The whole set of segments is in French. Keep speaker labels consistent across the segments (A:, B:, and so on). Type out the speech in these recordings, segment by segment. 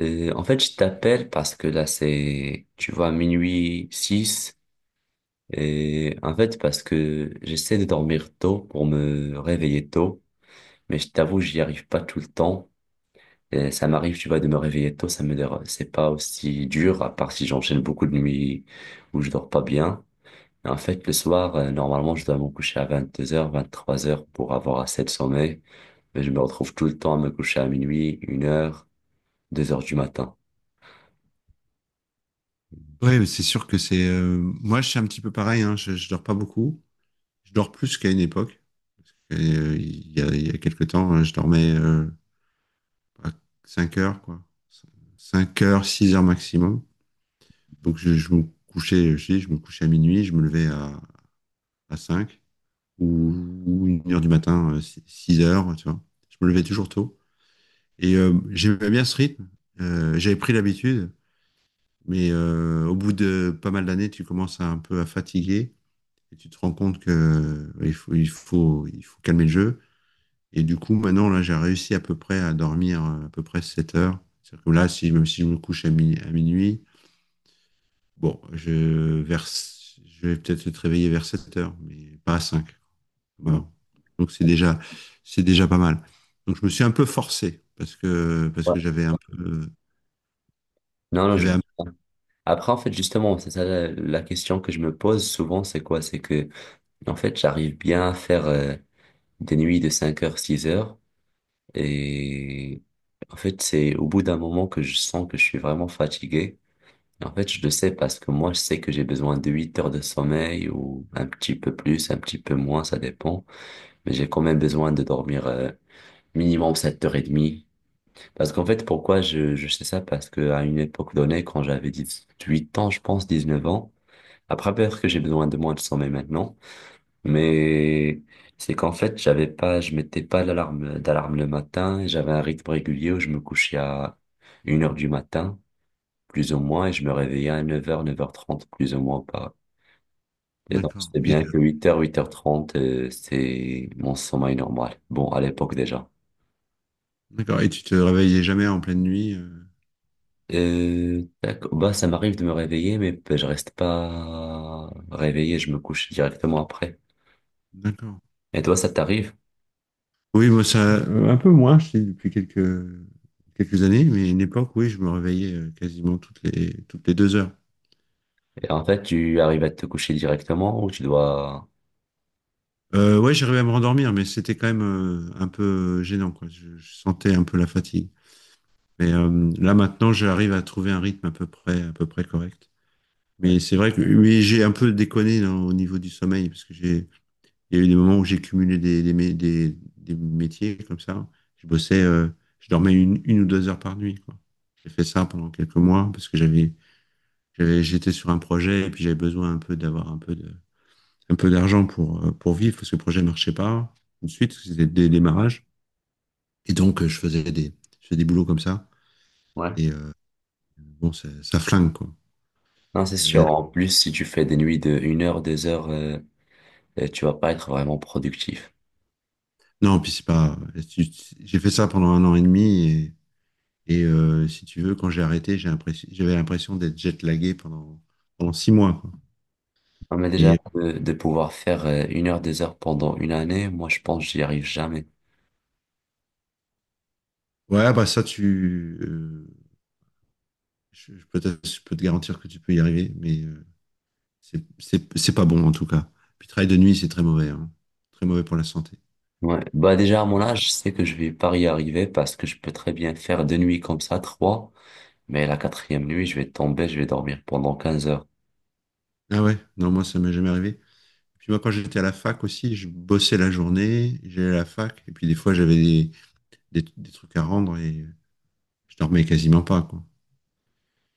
A: En fait, je t'appelle parce que là, c'est, tu vois, minuit 6. Et en fait, parce que j'essaie de dormir tôt pour me réveiller tôt. Mais je t'avoue, j'y arrive pas tout le temps. Et ça m'arrive, tu vois, de me réveiller tôt. Ça me dérange. C'est pas aussi dur, à part si j'enchaîne beaucoup de nuits où je dors pas bien. Mais en fait, le soir, normalement, je dois me coucher à 22h, 23h pour avoir assez de sommeil. Mais je me retrouve tout le temps à me coucher à minuit, une heure, deux heures du matin.
B: Ouais, mais c'est sûr que c'est. Moi, je suis un petit peu pareil, hein. Je dors pas beaucoup. Je dors plus qu'à une époque. Il y a quelques temps, je dormais à 5 heures, quoi. Cinq heures, 6 heures maximum. Donc, je me couchais, je me couchais à minuit, je me levais à 5 ou, ou une heure du matin, six 6 heures, tu vois. Je me levais toujours tôt. Et j'aimais bien ce rythme. J'avais pris l'habitude, mais au bout de pas mal d'années, tu commences un peu à fatiguer. Et tu te rends compte que il faut calmer le jeu. Et du coup, maintenant, là, j'ai réussi à peu près à dormir, à peu près 7 heures. C'est-à-dire que là, si, même si je me couche à minuit, bon, vers, je vais peut-être être réveillé vers 7 heures, mais pas à cinq.
A: Mhm.
B: Voilà. Donc, c'est déjà pas mal. Donc, je me suis un peu forcé parce que
A: Ouais.
B: j'avais un peu,
A: Non, non, je
B: j'avais un-
A: comprends. Après, en fait, justement, c'est ça la question que je me pose souvent, c'est quoi? C'est que, en fait, j'arrive bien à faire des nuits de 5 heures, 6 heures, et en fait, c'est au bout d'un moment que je sens que je suis vraiment fatigué. Et en fait, je le sais parce que moi, je sais que j'ai besoin de 8 heures de sommeil ou un petit peu plus, un petit peu moins, ça dépend. Mais j'ai quand même besoin de dormir minimum 7h30. Parce qu'en fait, pourquoi je sais ça? Parce que à une époque donnée, quand j'avais 18 ans, je pense 19 ans, après peut-être que j'ai besoin de moins de sommeil maintenant, mais c'est qu'en fait, j'avais pas, je mettais pas d'alarme le matin, et j'avais un rythme régulier où je me couchais à une heure du matin, plus ou moins, et je me réveillais à 9 heures 9h30 plus ou moins pas. Et donc,
B: d'accord.
A: c'est
B: Et,
A: bien que 8 heures 8h30 c'est mon sommeil normal. Bon, à l'époque déjà.
B: d'accord. Et tu te réveillais jamais en pleine nuit,
A: D'accord. Bah, ça m'arrive de me réveiller, mais bah, je reste pas réveillé, je me couche directement après.
B: d'accord.
A: Et toi, ça t'arrive?
B: Oui, moi, ça, un peu moins, je dis, depuis quelques années, mais à une époque, oui, je me réveillais, quasiment toutes les 2 heures.
A: Et en fait, tu arrives à te coucher directement ou tu dois...
B: Ouais, j'arrivais à me rendormir, mais c'était quand même, un peu gênant, quoi. Je sentais un peu la fatigue. Mais là, maintenant, j'arrive à trouver un rythme à peu près correct.
A: Ouais.
B: Mais c'est vrai que oui, j'ai un peu déconné au niveau du sommeil, parce que il y a eu des moments où j'ai cumulé des métiers comme ça. Je bossais, je dormais une ou deux heures par nuit, quoi. J'ai fait ça pendant quelques mois, parce que j'étais sur un projet et puis j'avais besoin un peu d'avoir un peu d'argent pour vivre parce que le projet marchait pas tout de suite, parce que c'était des démarrages. Et donc, je faisais des boulots comme ça.
A: Ouais.
B: Et bon, ça flingue, quoi.
A: Non, c'est sûr.
B: C'est-
A: En plus, si tu fais des nuits de une heure, deux heures, tu vas pas être vraiment productif.
B: Non, puis c'est pas, j'ai fait ça pendant un an et demi, et si tu veux, quand j'ai arrêté, j'avais l'impression d'être jet-lagué pendant 6 mois, quoi.
A: Non, mais déjà,
B: Et
A: de pouvoir faire une heure, deux heures pendant une année, moi, je pense que j'y arrive jamais.
B: ouais, bah ça, peut-être, je peux te garantir que tu peux y arriver, mais c'est pas bon en tout cas. Puis travail de nuit, c'est très mauvais, hein. Très mauvais pour la santé.
A: Ouais. Bah, déjà,
B: C'est,
A: à mon âge, je
B: euh,
A: sais que je vais pas y arriver parce que je peux très bien faire deux nuits comme ça, trois. Mais la quatrième nuit, je vais tomber, je vais dormir pendant 15 heures.
B: Ah ouais, non, moi ça m'est jamais arrivé. Puis moi, quand j'étais à la fac aussi, je bossais la journée, j'allais à la fac, et puis des fois j'avais des trucs à rendre et je dormais quasiment pas, quoi.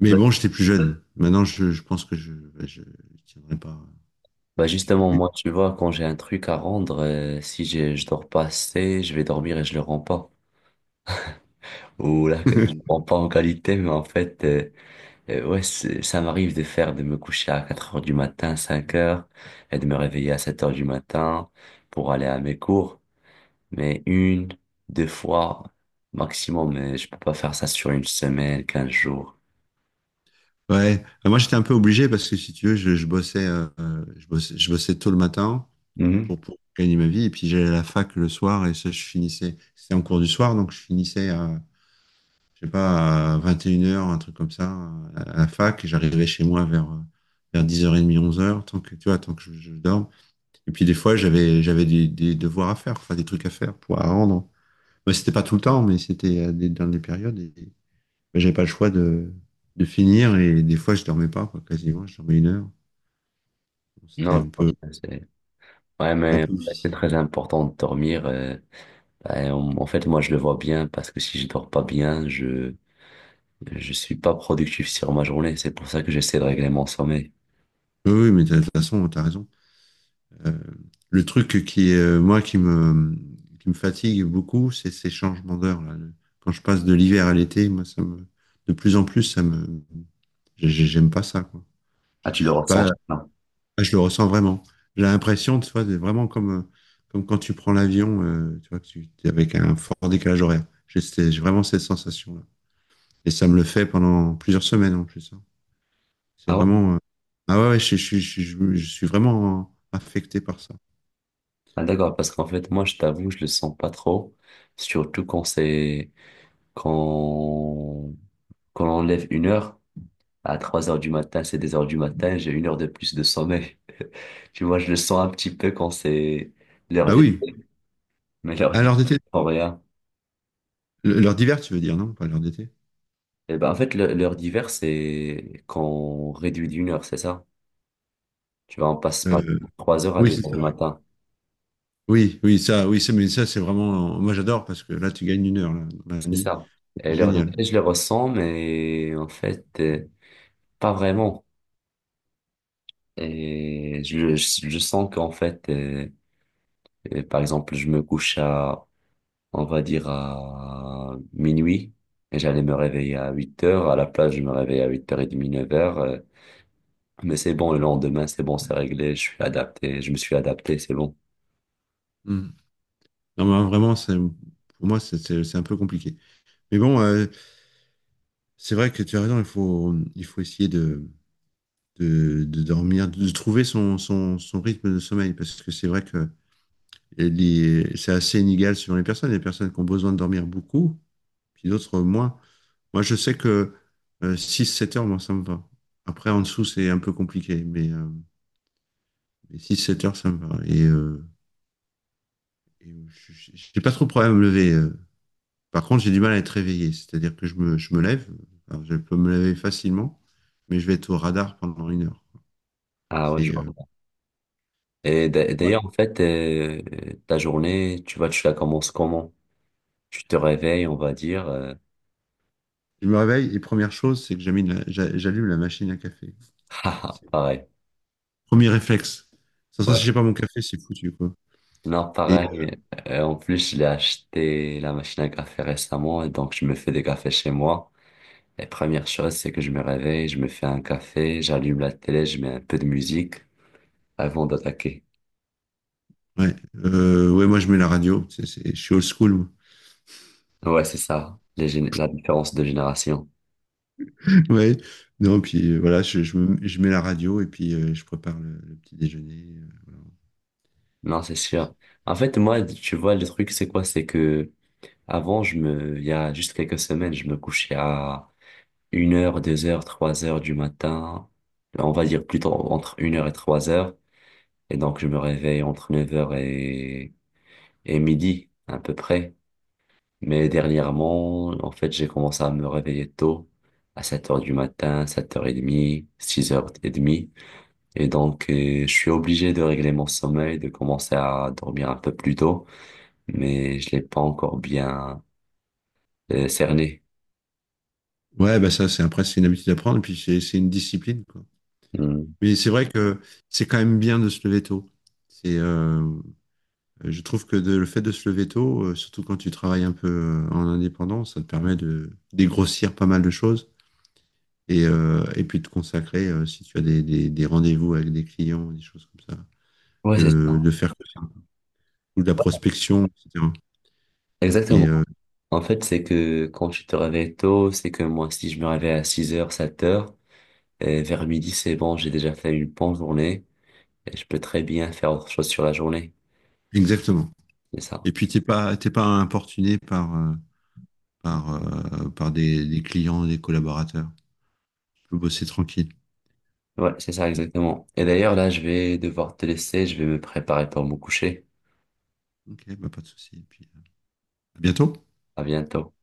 B: Mais
A: Bah,
B: bon, j'étais plus jeune. Maintenant, je pense que je, bah, je tiendrai pas.
A: Bah
B: J'ai
A: justement,
B: pu.
A: moi, tu vois, quand j'ai un truc à rendre, si j'ai, je dors pas assez, je vais dormir et je le rends pas. Ou là, je rends pas en qualité, mais en fait, ouais, ça m'arrive de faire, de me coucher à 4 heures du matin, 5 heures, et de me réveiller à 7 heures du matin pour aller à mes cours. Mais une, deux fois maximum, mais je peux pas faire ça sur une semaine, 15 jours.
B: Ouais. Moi, j'étais un peu obligé parce que si tu veux, je bossais tôt le matin
A: Mhm.
B: pour gagner ma vie. Et puis j'allais à la fac le soir et ça, je finissais. C'était en cours du soir, donc je finissais je sais pas, à 21 heures un truc comme ça, à la fac. Et j'arrivais chez moi vers 10h30, 11 heures, tu vois, tant que je dorme. Et puis des fois, j'avais des devoirs à faire, enfin des trucs à faire pour à rendre. Mais c'était pas tout le temps, mais c'était dans des périodes. Et j'avais pas le choix de finir. Et des fois, je dormais pas, quoi, quasiment. Je dormais une heure. C'était
A: Non, je vois bien, ouais,
B: un
A: mais
B: peu
A: c'est
B: difficile.
A: très important de dormir. En fait, moi, je le vois bien parce que si je dors pas bien, je suis pas productif sur ma journée. C'est pour ça que j'essaie de régler mon sommeil.
B: Oui, oui, mais de toute façon, t'as raison. Euh, le truc qui est moi qui me fatigue beaucoup, c'est ces changements d'heure. Là. Quand je passe de l'hiver à l'été, moi, de plus en plus, ça me, j'ai- j'aime pas ça, quoi.
A: Ah,
B: Je
A: tu le
B: suis pas,
A: ressens?
B: là,
A: Non.
B: Je le ressens vraiment. J'ai l'impression, tu vois, c'est vraiment comme quand tu prends l'avion, tu vois, que tu es avec un fort décalage horaire. J'ai vraiment cette sensation-là. Et ça me le fait pendant plusieurs semaines en plus, hein. C'est
A: Ah ouais?
B: vraiment, euh, ah ouais, ouais, je suis vraiment affecté par ça.
A: Ah, d'accord, parce qu'en fait, moi, je t'avoue, je le sens pas trop, surtout quand c'est quand quand on lève une heure à 3 heures du matin, c'est des heures du matin, j'ai une heure de plus de sommeil. Tu vois, je le sens un petit peu quand c'est l'heure
B: Ah
A: d'été,
B: oui.
A: mais l'heure du
B: Alors, d'été
A: rien.
B: L'heure d'hiver, tu veux dire, non? Pas l'heure d'été?
A: Eh ben, en fait, l'heure d'hiver, c'est quand on réduit d'une heure, c'est ça? Tu vois, on passe par
B: Euh,
A: 3 heures à
B: oui,
A: deux
B: c'est
A: heures
B: ça.
A: du
B: Oui,
A: matin.
B: oui, oui, ça, oui, mais ça, c'est vraiment. Moi, j'adore parce que là, tu gagnes une heure là, dans la
A: C'est
B: nuit.
A: ça. Et
B: C'est
A: l'heure
B: génial.
A: d'été, je le ressens, mais en fait, pas vraiment. Et je sens qu'en fait, par exemple, je me couche à, on va dire, à minuit, et j'allais me réveiller à 8 heures. À la place, je me réveille à huit heures 30 9h. euh, Mais c'est bon, le lendemain, c'est bon, c'est réglé, je suis adapté, je me suis adapté, c'est bon.
B: Mm. Non, mais vraiment, c'est pour moi, c'est un peu compliqué. Mais bon, c'est vrai que tu as raison. Il faut essayer de dormir, de trouver son rythme de sommeil parce que c'est vrai que c'est assez inégal selon les personnes. Il y a des personnes qui ont besoin de dormir beaucoup puis d'autres moins. Moi, je sais que, six sept heures, moi, ça me va. Après, en dessous, c'est un peu compliqué, mais, six sept heures, ça me va. Et j'ai pas trop de problème à me lever. Par contre, j'ai du mal à être réveillé, c'est-à-dire que je me lève. Alors, je peux me lever facilement, mais je vais être au radar pendant une heure.
A: Ah ouais, je
B: C'est, euh, c'est-
A: Et
B: ouais.
A: d'ailleurs, en fait, ta journée, tu vois, tu la commences comment? Tu te réveilles, on va dire.
B: Je me réveille et première chose, c'est que j'allume la machine à café.
A: Haha,
B: C'est le
A: pareil.
B: premier réflexe. Sans ça, si
A: Ouais.
B: j'ai pas mon café, c'est foutu, quoi.
A: Non,
B: Et
A: pareil. En plus, j'ai acheté la machine à café récemment, et donc je me fais des cafés chez moi. Et première chose, c'est que je me réveille, je me fais un café, j'allume la télé, je mets un peu de musique avant d'attaquer.
B: ouais, ouais, moi je mets la radio, je suis old school, moi.
A: Ouais, c'est ça, la différence de génération.
B: Ouais, non, puis voilà, je mets la radio et puis je prépare le petit déjeuner.
A: Non,
B: Et
A: c'est
B: puis,
A: sûr. En fait, moi, tu vois, le truc, c'est quoi? C'est que Avant, il y a juste quelques semaines, je me couchais à une heure, 2 heures, 3 heures du matin. On va dire plutôt entre une heure et 3 heures. Et donc, je me réveille entre 9 heures et midi, à peu près. Mais dernièrement, en fait, j'ai commencé à me réveiller tôt, à 7 heures du matin, 7h30, 6 heures et demie. Et donc, je suis obligé de régler mon sommeil, de commencer à dormir un peu plus tôt. Mais je l'ai pas encore bien cerné.
B: ouais, bah ça, c'est après, c'est une habitude à prendre, puis c'est une discipline, quoi.
A: Hmm.
B: Mais c'est vrai que c'est quand même bien de se lever tôt. C'est, euh, je trouve que le fait de se lever tôt, surtout quand tu travailles un peu, en indépendant, ça te permet de dégrossir pas mal de choses et puis de consacrer, si tu as des rendez-vous avec des clients, des choses comme ça.
A: Ouais,
B: De faire que ça, ou de la prospection, etc. Et euh,
A: exactement. En fait, c'est que quand tu te réveilles tôt, c'est que moi, si je me réveille à 6 heures, 7 heures, et vers midi, c'est bon, j'ai déjà fait une bonne journée et je peux très bien faire autre chose sur la journée.
B: Exactement.
A: C'est ça.
B: Et puis t'es pas importuné par par des clients, des collaborateurs. Tu peux bosser tranquille.
A: Ouais, c'est ça, exactement. Et d'ailleurs, là, je vais devoir te laisser, je vais me préparer pour me coucher.
B: Ok, bah pas de souci. Et puis à bientôt.
A: À bientôt.